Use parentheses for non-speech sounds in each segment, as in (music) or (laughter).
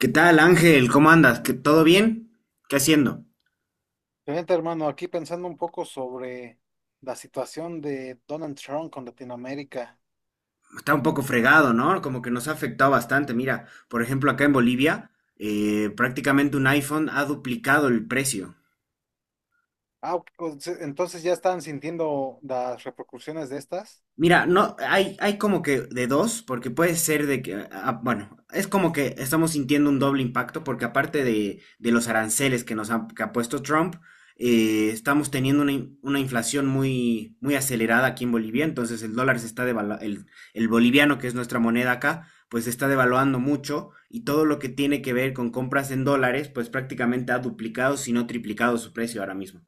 ¿Qué tal, Ángel? ¿Cómo andas? ¿Todo bien? ¿Qué haciendo? Fíjate, hermano, aquí pensando un poco sobre la situación de Donald Trump con Latinoamérica. Está un poco fregado, ¿no? Como que nos ha afectado bastante. Mira, por ejemplo, acá en Bolivia, prácticamente un iPhone ha duplicado el precio. Ah, ok, pues, entonces ya están sintiendo las repercusiones de estas. Mira, no, hay como que de dos, porque puede ser de que, bueno, es como que estamos sintiendo un doble impacto, porque aparte de los aranceles que que ha puesto Trump, estamos teniendo una inflación muy, muy acelerada aquí en Bolivia, entonces el dólar se está devaluando, el boliviano, que es nuestra moneda acá, pues se está devaluando mucho, y todo lo que tiene que ver con compras en dólares, pues prácticamente ha duplicado, si no triplicado su precio ahora mismo.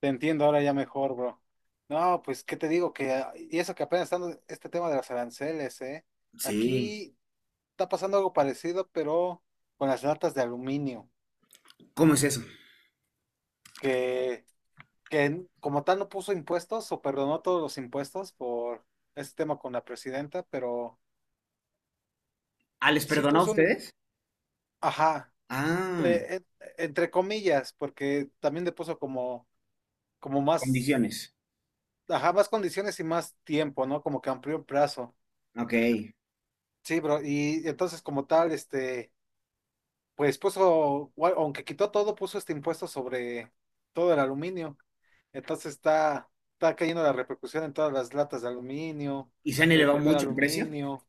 Te entiendo ahora ya mejor, bro. No, pues, ¿qué te digo? Que, ah, y eso que apenas están este tema de las aranceles, ¿eh? Sí. Aquí está pasando algo parecido, pero con las latas de aluminio, ¿Cómo es eso? que, que como tal no puso impuestos o perdonó todos los impuestos por este tema con la presidenta, pero Ah, ¿les sí perdonó a puso un... im- ustedes? Ajá. Ah. Entre comillas, porque también le puso como, como más, Condiciones. ajá, más condiciones y más tiempo, ¿no? Como que amplió el plazo. Ok. Sí, bro, y entonces como tal, este, pues puso, gua- aunque quitó todo, puso este impuesto sobre todo el aluminio. Entonces está cayendo la repercusión en todas las latas de aluminio, ¿Y se han el elevado papel mucho el precio? aluminio.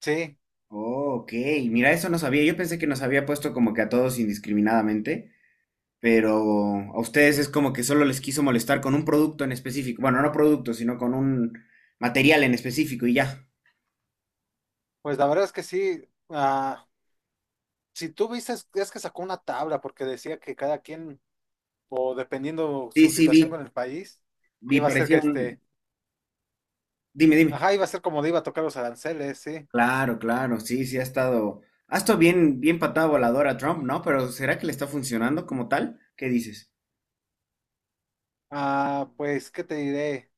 Sí, Oh, ok. Mira, eso no sabía. Yo pensé que nos había puesto como que a todos indiscriminadamente, pero a ustedes es como que solo les quiso molestar con un producto en específico. Bueno, no producto, sino con un material en específico y ya. pues la verdad es que sí, ah, si tú viste, es que sacó una tabla porque decía que cada quien o dependiendo Sí, su sí, vi. situación con el país, Vi, iba a ser que parecía un... este, Dime, dime. ajá, iba a ser como le iba a tocar los aranceles, sí. Claro, claro. Sí, sí, ha estado... Ha estado bien, bien patada voladora Trump, ¿no? Pero ¿será que le está funcionando como tal? ¿Qué dices? Ah, pues, ¿qué te diré?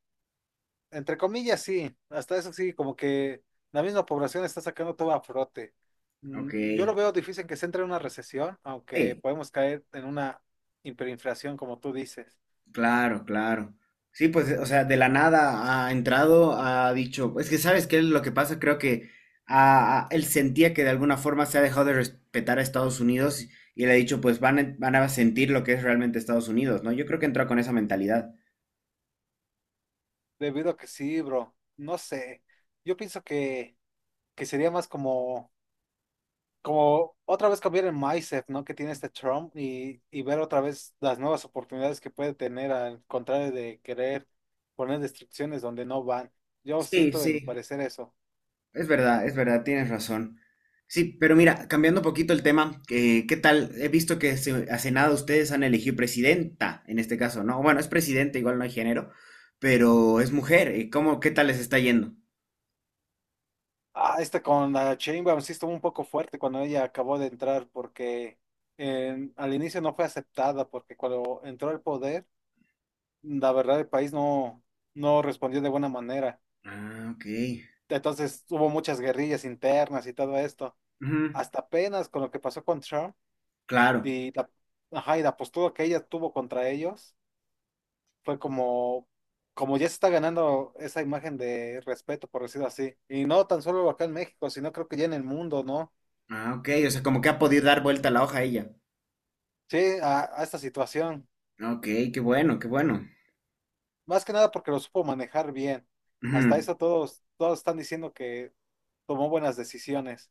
Entre comillas, sí, hasta eso sí, como que la misma población está sacando todo a frote. Mm, Ok. yo lo veo difícil que se entre en una recesión, aunque Sí. podemos caer en una hiperinflación, como tú dices, Claro, claro. Sí, pues, o sea, de la nada ha entrado, ha dicho, es que sabes qué es lo que pasa, creo que él sentía que de alguna forma se ha dejado de respetar a Estados Unidos y le ha dicho, pues van a sentir lo que es realmente Estados Unidos, ¿no? Yo creo que entró con esa mentalidad. debido a que sí, bro, no sé, yo pienso que sería más como como otra vez cambiar el mindset, ¿no? Que tiene este Trump y ver otra vez las nuevas oportunidades que puede tener al contrario de querer poner restricciones donde no van. Yo Sí, siento de mi sí. parecer eso. Es verdad, tienes razón. Sí, pero mira, cambiando un poquito el tema, ¿qué tal? He visto que hace nada ustedes han elegido presidenta, en este caso, ¿no? Bueno, es presidente, igual no hay género, pero es mujer. ¿Cómo, qué tal les está yendo? Ah, esta con la Sheinbaum sí estuvo un poco fuerte cuando ella acabó de entrar porque en- al inicio no fue aceptada porque cuando entró al poder, la verdad el país no, no respondió de buena manera. Ah, ok. Entonces hubo muchas guerrillas internas y todo esto. Ujú, Hasta apenas con lo que pasó con Trump. claro. Y la, ajá, y la postura que ella tuvo contra ellos fue como, como ya se está ganando esa imagen de respeto, por decirlo así. Y no tan solo acá en México, sino creo que ya en el mundo, ¿no? Ah, ok, o sea, como que ha podido dar vuelta la hoja ella. Sí, a esta situación. Ok, qué bueno, qué bueno. Más que nada porque lo supo manejar bien. Hasta eso todos, todos están diciendo que tomó buenas decisiones.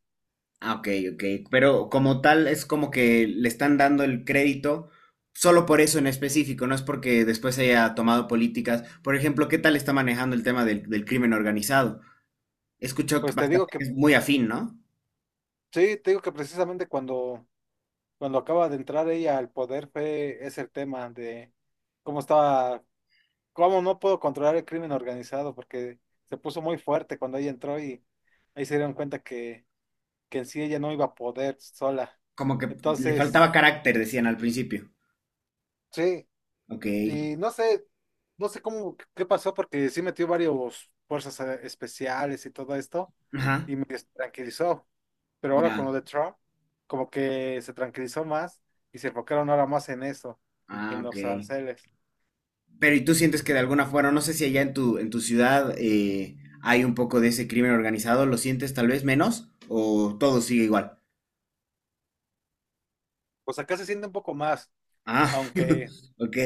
Ah, ok, ok. Pero como tal es como que le están dando el crédito solo por eso en específico, no es porque después haya tomado políticas. Por ejemplo, ¿qué tal está manejando el tema del crimen organizado? Escucho que Pues te digo bastante que que, es muy afín, ¿no? sí, te digo que precisamente cuando, cuando acaba de entrar ella al poder fue ese el tema de cómo estaba. ¿Cómo no puedo controlar el crimen organizado? Porque se puso muy fuerte cuando ella entró y ahí se dieron cuenta que en sí ella no iba a poder sola. Como que le faltaba Entonces, carácter, decían al principio. sí, Ok. y no sé, no sé cómo, qué pasó, porque sí metió varios fuerzas especiales y todo esto, Ajá. y me tranquilizó. Pero ahora Ya. con lo de Trump, como que se tranquilizó más y se enfocaron ahora más en eso, Ah, en ok. los aranceles. Pero ¿y tú sientes que de alguna forma, no sé si allá en en tu ciudad hay un poco de ese crimen organizado, ¿lo sientes tal vez menos o todo sigue igual? O sea, acá se siente un poco más, Ah, aunque (laughs) ok,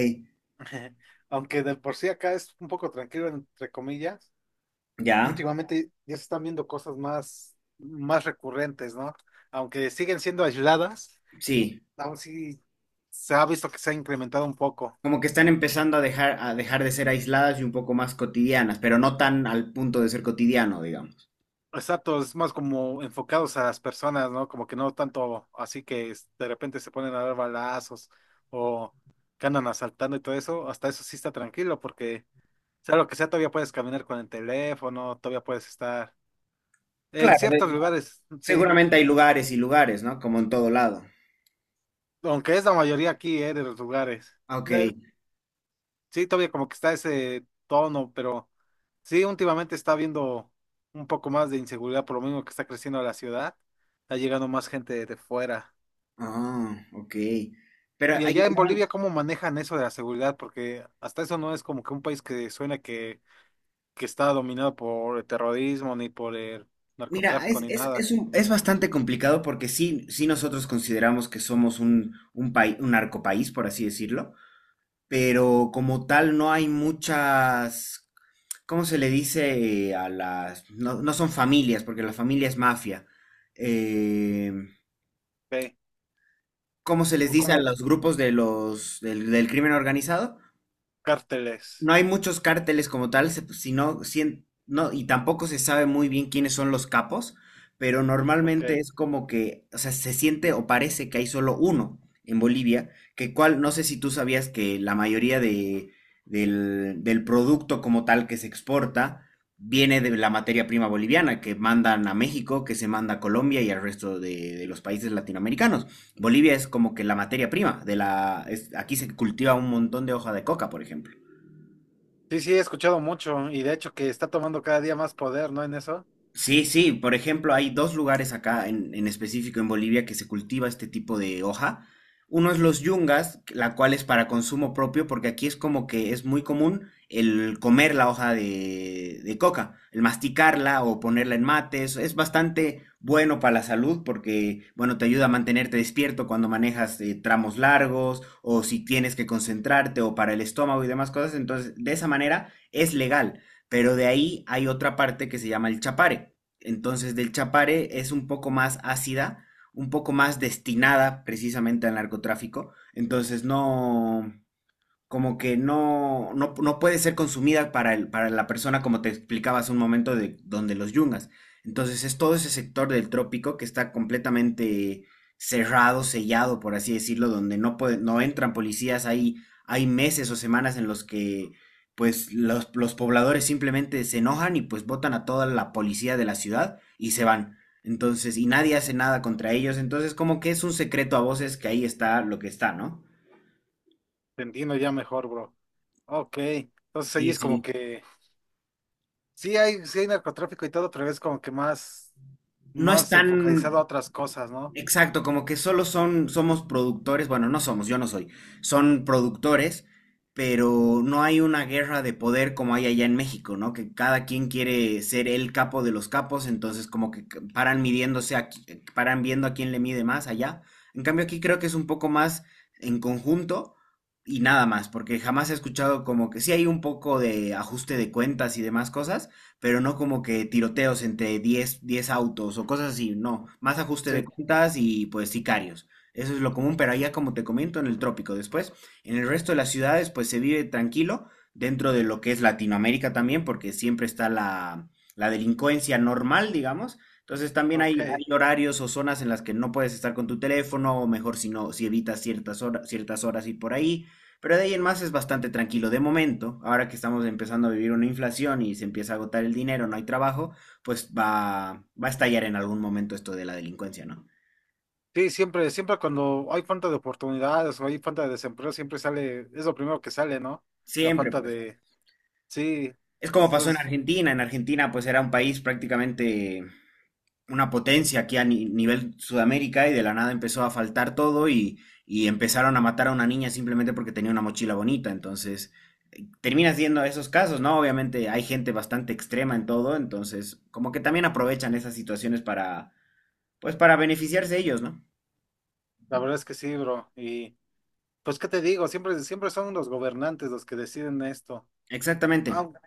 (laughs) aunque de por sí acá es un poco tranquilo, entre comillas, ya, últimamente ya se están viendo cosas más, más recurrentes, ¿no? Aunque siguen siendo aisladas, sí, aún sí se ha visto que se ha incrementado un poco. como que están empezando a dejar de ser aisladas y un poco más cotidianas, pero no tan al punto de ser cotidiano, digamos. Exacto, es más como enfocados a las personas, ¿no? Como que no tanto así que es- de repente se ponen a dar balazos o que andan asaltando y todo eso, hasta eso sí está tranquilo porque sea lo que sea, todavía puedes caminar con el teléfono, todavía puedes estar en Claro, ciertos lugares, sí. seguramente hay lugares y lugares, ¿no? Como en todo lado. Aunque es la mayoría aquí, de los lugares. Ah, ok, De- sí, todavía como que está ese tono, pero sí, últimamente está habiendo un poco más de inseguridad por lo mismo que está creciendo la ciudad, está llegando más gente de fuera. ah, ok. Pero Y hay- allá en Bolivia, ¿cómo manejan eso de la seguridad? Porque hasta eso no es como que un país que suena que está dominado por el terrorismo, ni por el mira, narcotráfico, ni es, nada. Es bastante complicado porque sí, sí nosotros consideramos que somos un país, un narcopaís, por así decirlo, pero como tal no hay muchas. ¿Cómo se le dice a las...? No, no son familias, porque la familia es mafia. Eh, Ok. ¿Cómo se les O dice a como los grupos de del crimen organizado? No cárteles. hay muchos cárteles como tal, no, y tampoco se sabe muy bien quiénes son los capos, pero Ok. normalmente es como que, o sea, se siente o parece que hay solo uno en Bolivia, que cual, no sé si tú sabías que la mayoría del producto como tal que se exporta viene de la materia prima boliviana, que mandan a México, que se manda a Colombia y al resto de los países latinoamericanos. Bolivia es como que la materia prima de la, aquí se cultiva un montón de hoja de coca, por ejemplo. Sí, sí, he escuchado mucho y de hecho que está tomando cada día más poder, ¿no? En eso. Sí, sí, por ejemplo, hay dos lugares acá en específico en Bolivia que se cultiva este tipo de hoja. Uno es los yungas, la cual es para consumo propio, porque aquí es como que es muy común el comer la hoja de coca, el masticarla o ponerla en mates. Es bastante bueno para la salud porque, bueno, te ayuda a mantenerte despierto cuando manejas tramos largos o si tienes que concentrarte o para el estómago y demás cosas. Entonces, de esa manera es legal. Pero de ahí hay otra parte que se llama el Chapare. Entonces, del Chapare es un poco más ácida, un poco más destinada precisamente al narcotráfico. Entonces, no, como que no puede ser consumida para la persona, como te explicaba hace un momento, de donde los yungas. Entonces es todo ese sector del trópico que está completamente cerrado, sellado, por así decirlo, donde no entran policías. Hay meses o semanas en los que pues los pobladores simplemente se enojan y pues botan a toda la policía de la ciudad y se van. Entonces, y nadie hace nada contra ellos. Entonces, como que es un secreto a voces que ahí está lo que está, ¿no? Te entiendo ya mejor, bro. Ok, entonces ahí Sí, es como sí. que sí hay narcotráfico y todo, pero es como que más, No es más enfocalizado a tan otras cosas, ¿no? exacto, como que solo son, somos productores, bueno, no somos, yo no soy, son productores, pero no hay una guerra de poder como hay allá en México, ¿no? Que cada quien quiere ser el capo de los capos, entonces como que paran midiéndose, paran viendo a quién le mide más allá. En cambio aquí creo que es un poco más en conjunto y nada más, porque jamás he escuchado como que sí hay un poco de ajuste de cuentas y demás cosas pero no como que tiroteos entre diez autos o cosas así, no, más ajuste Sí, de cuentas y pues sicarios. Eso es lo común, pero allá como te comento en el trópico después, en el resto de las ciudades pues se vive tranquilo dentro de lo que es Latinoamérica también, porque siempre está la delincuencia normal, digamos. Entonces también ok. Hay horarios o zonas en las que no puedes estar con tu teléfono, o mejor si no, si evitas ciertas horas y por ahí. Pero de ahí en más es bastante tranquilo. De momento, ahora que estamos empezando a vivir una inflación y se empieza a agotar el dinero, no hay trabajo, pues va a estallar en algún momento esto de la delincuencia, ¿no? Sí, siempre, siempre cuando hay falta de oportunidades o hay falta de desempleo, siempre sale, es lo primero que sale, ¿no? La Siempre, falta pues. de, sí, Es como eso pasó en es- Argentina. En Argentina, pues era un país prácticamente una potencia aquí a nivel Sudamérica y de la nada empezó a faltar todo y empezaron a matar a una niña simplemente porque tenía una mochila bonita. Entonces, terminas viendo esos casos, ¿no? Obviamente hay gente bastante extrema en todo, entonces como que también aprovechan esas situaciones para, pues para beneficiarse ellos, ¿no? la verdad es que sí, bro. Y pues, ¿qué te digo? Siempre, siempre son los gobernantes los que deciden esto. Exactamente. Aun-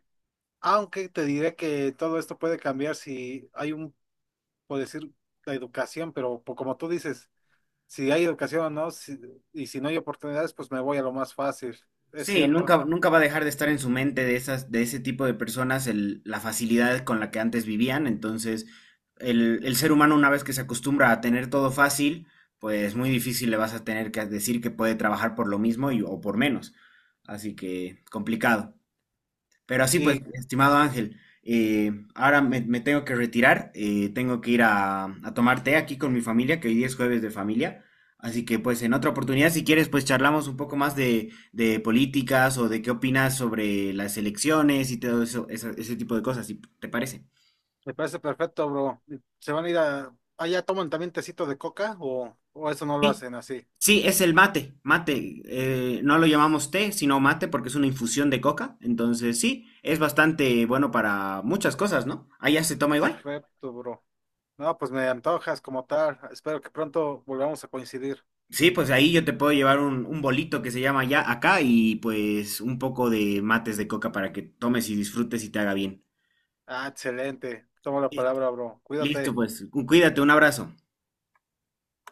Aunque te diré que todo esto puede cambiar si hay un por decir, la educación, pero po- como tú dices, si hay educación o no, si- y si no hay oportunidades, pues me voy a lo más fácil, es Sí, cierto. nunca, nunca va a dejar de estar en su mente de esas, de ese tipo de personas la facilidad con la que antes vivían. Entonces, el ser humano, una vez que se acostumbra a tener todo fácil, pues muy difícil le vas a tener que decir que puede trabajar por lo mismo o por menos. Así que complicado. Pero así pues, Y estimado Ángel, ahora me tengo que retirar, tengo que ir a tomar té aquí con mi familia, que hoy día es jueves de familia. Así que pues en otra oportunidad, si quieres, pues charlamos un poco más de políticas o de qué opinas sobre las elecciones y todo eso, ese tipo de cosas, si te parece. me parece perfecto, bro. ¿Se van a ir a... allá toman también tecito de coca o eso no lo Sí, hacen así? sí, es el mate, mate. No lo llamamos té, sino mate porque es una infusión de coca. Entonces sí, es bastante bueno para muchas cosas, ¿no? Allá se toma igual. Perfecto, bro. No, pues me antojas como tal. Espero que pronto volvamos a coincidir. Sí, pues ahí yo te puedo llevar un bolito que se llama ya acá y pues un poco de mates de coca para que tomes y disfrutes y te haga bien. Ah, excelente. Toma la Listo, palabra, bro. Listo, Cuídate. pues. Cuídate, un abrazo.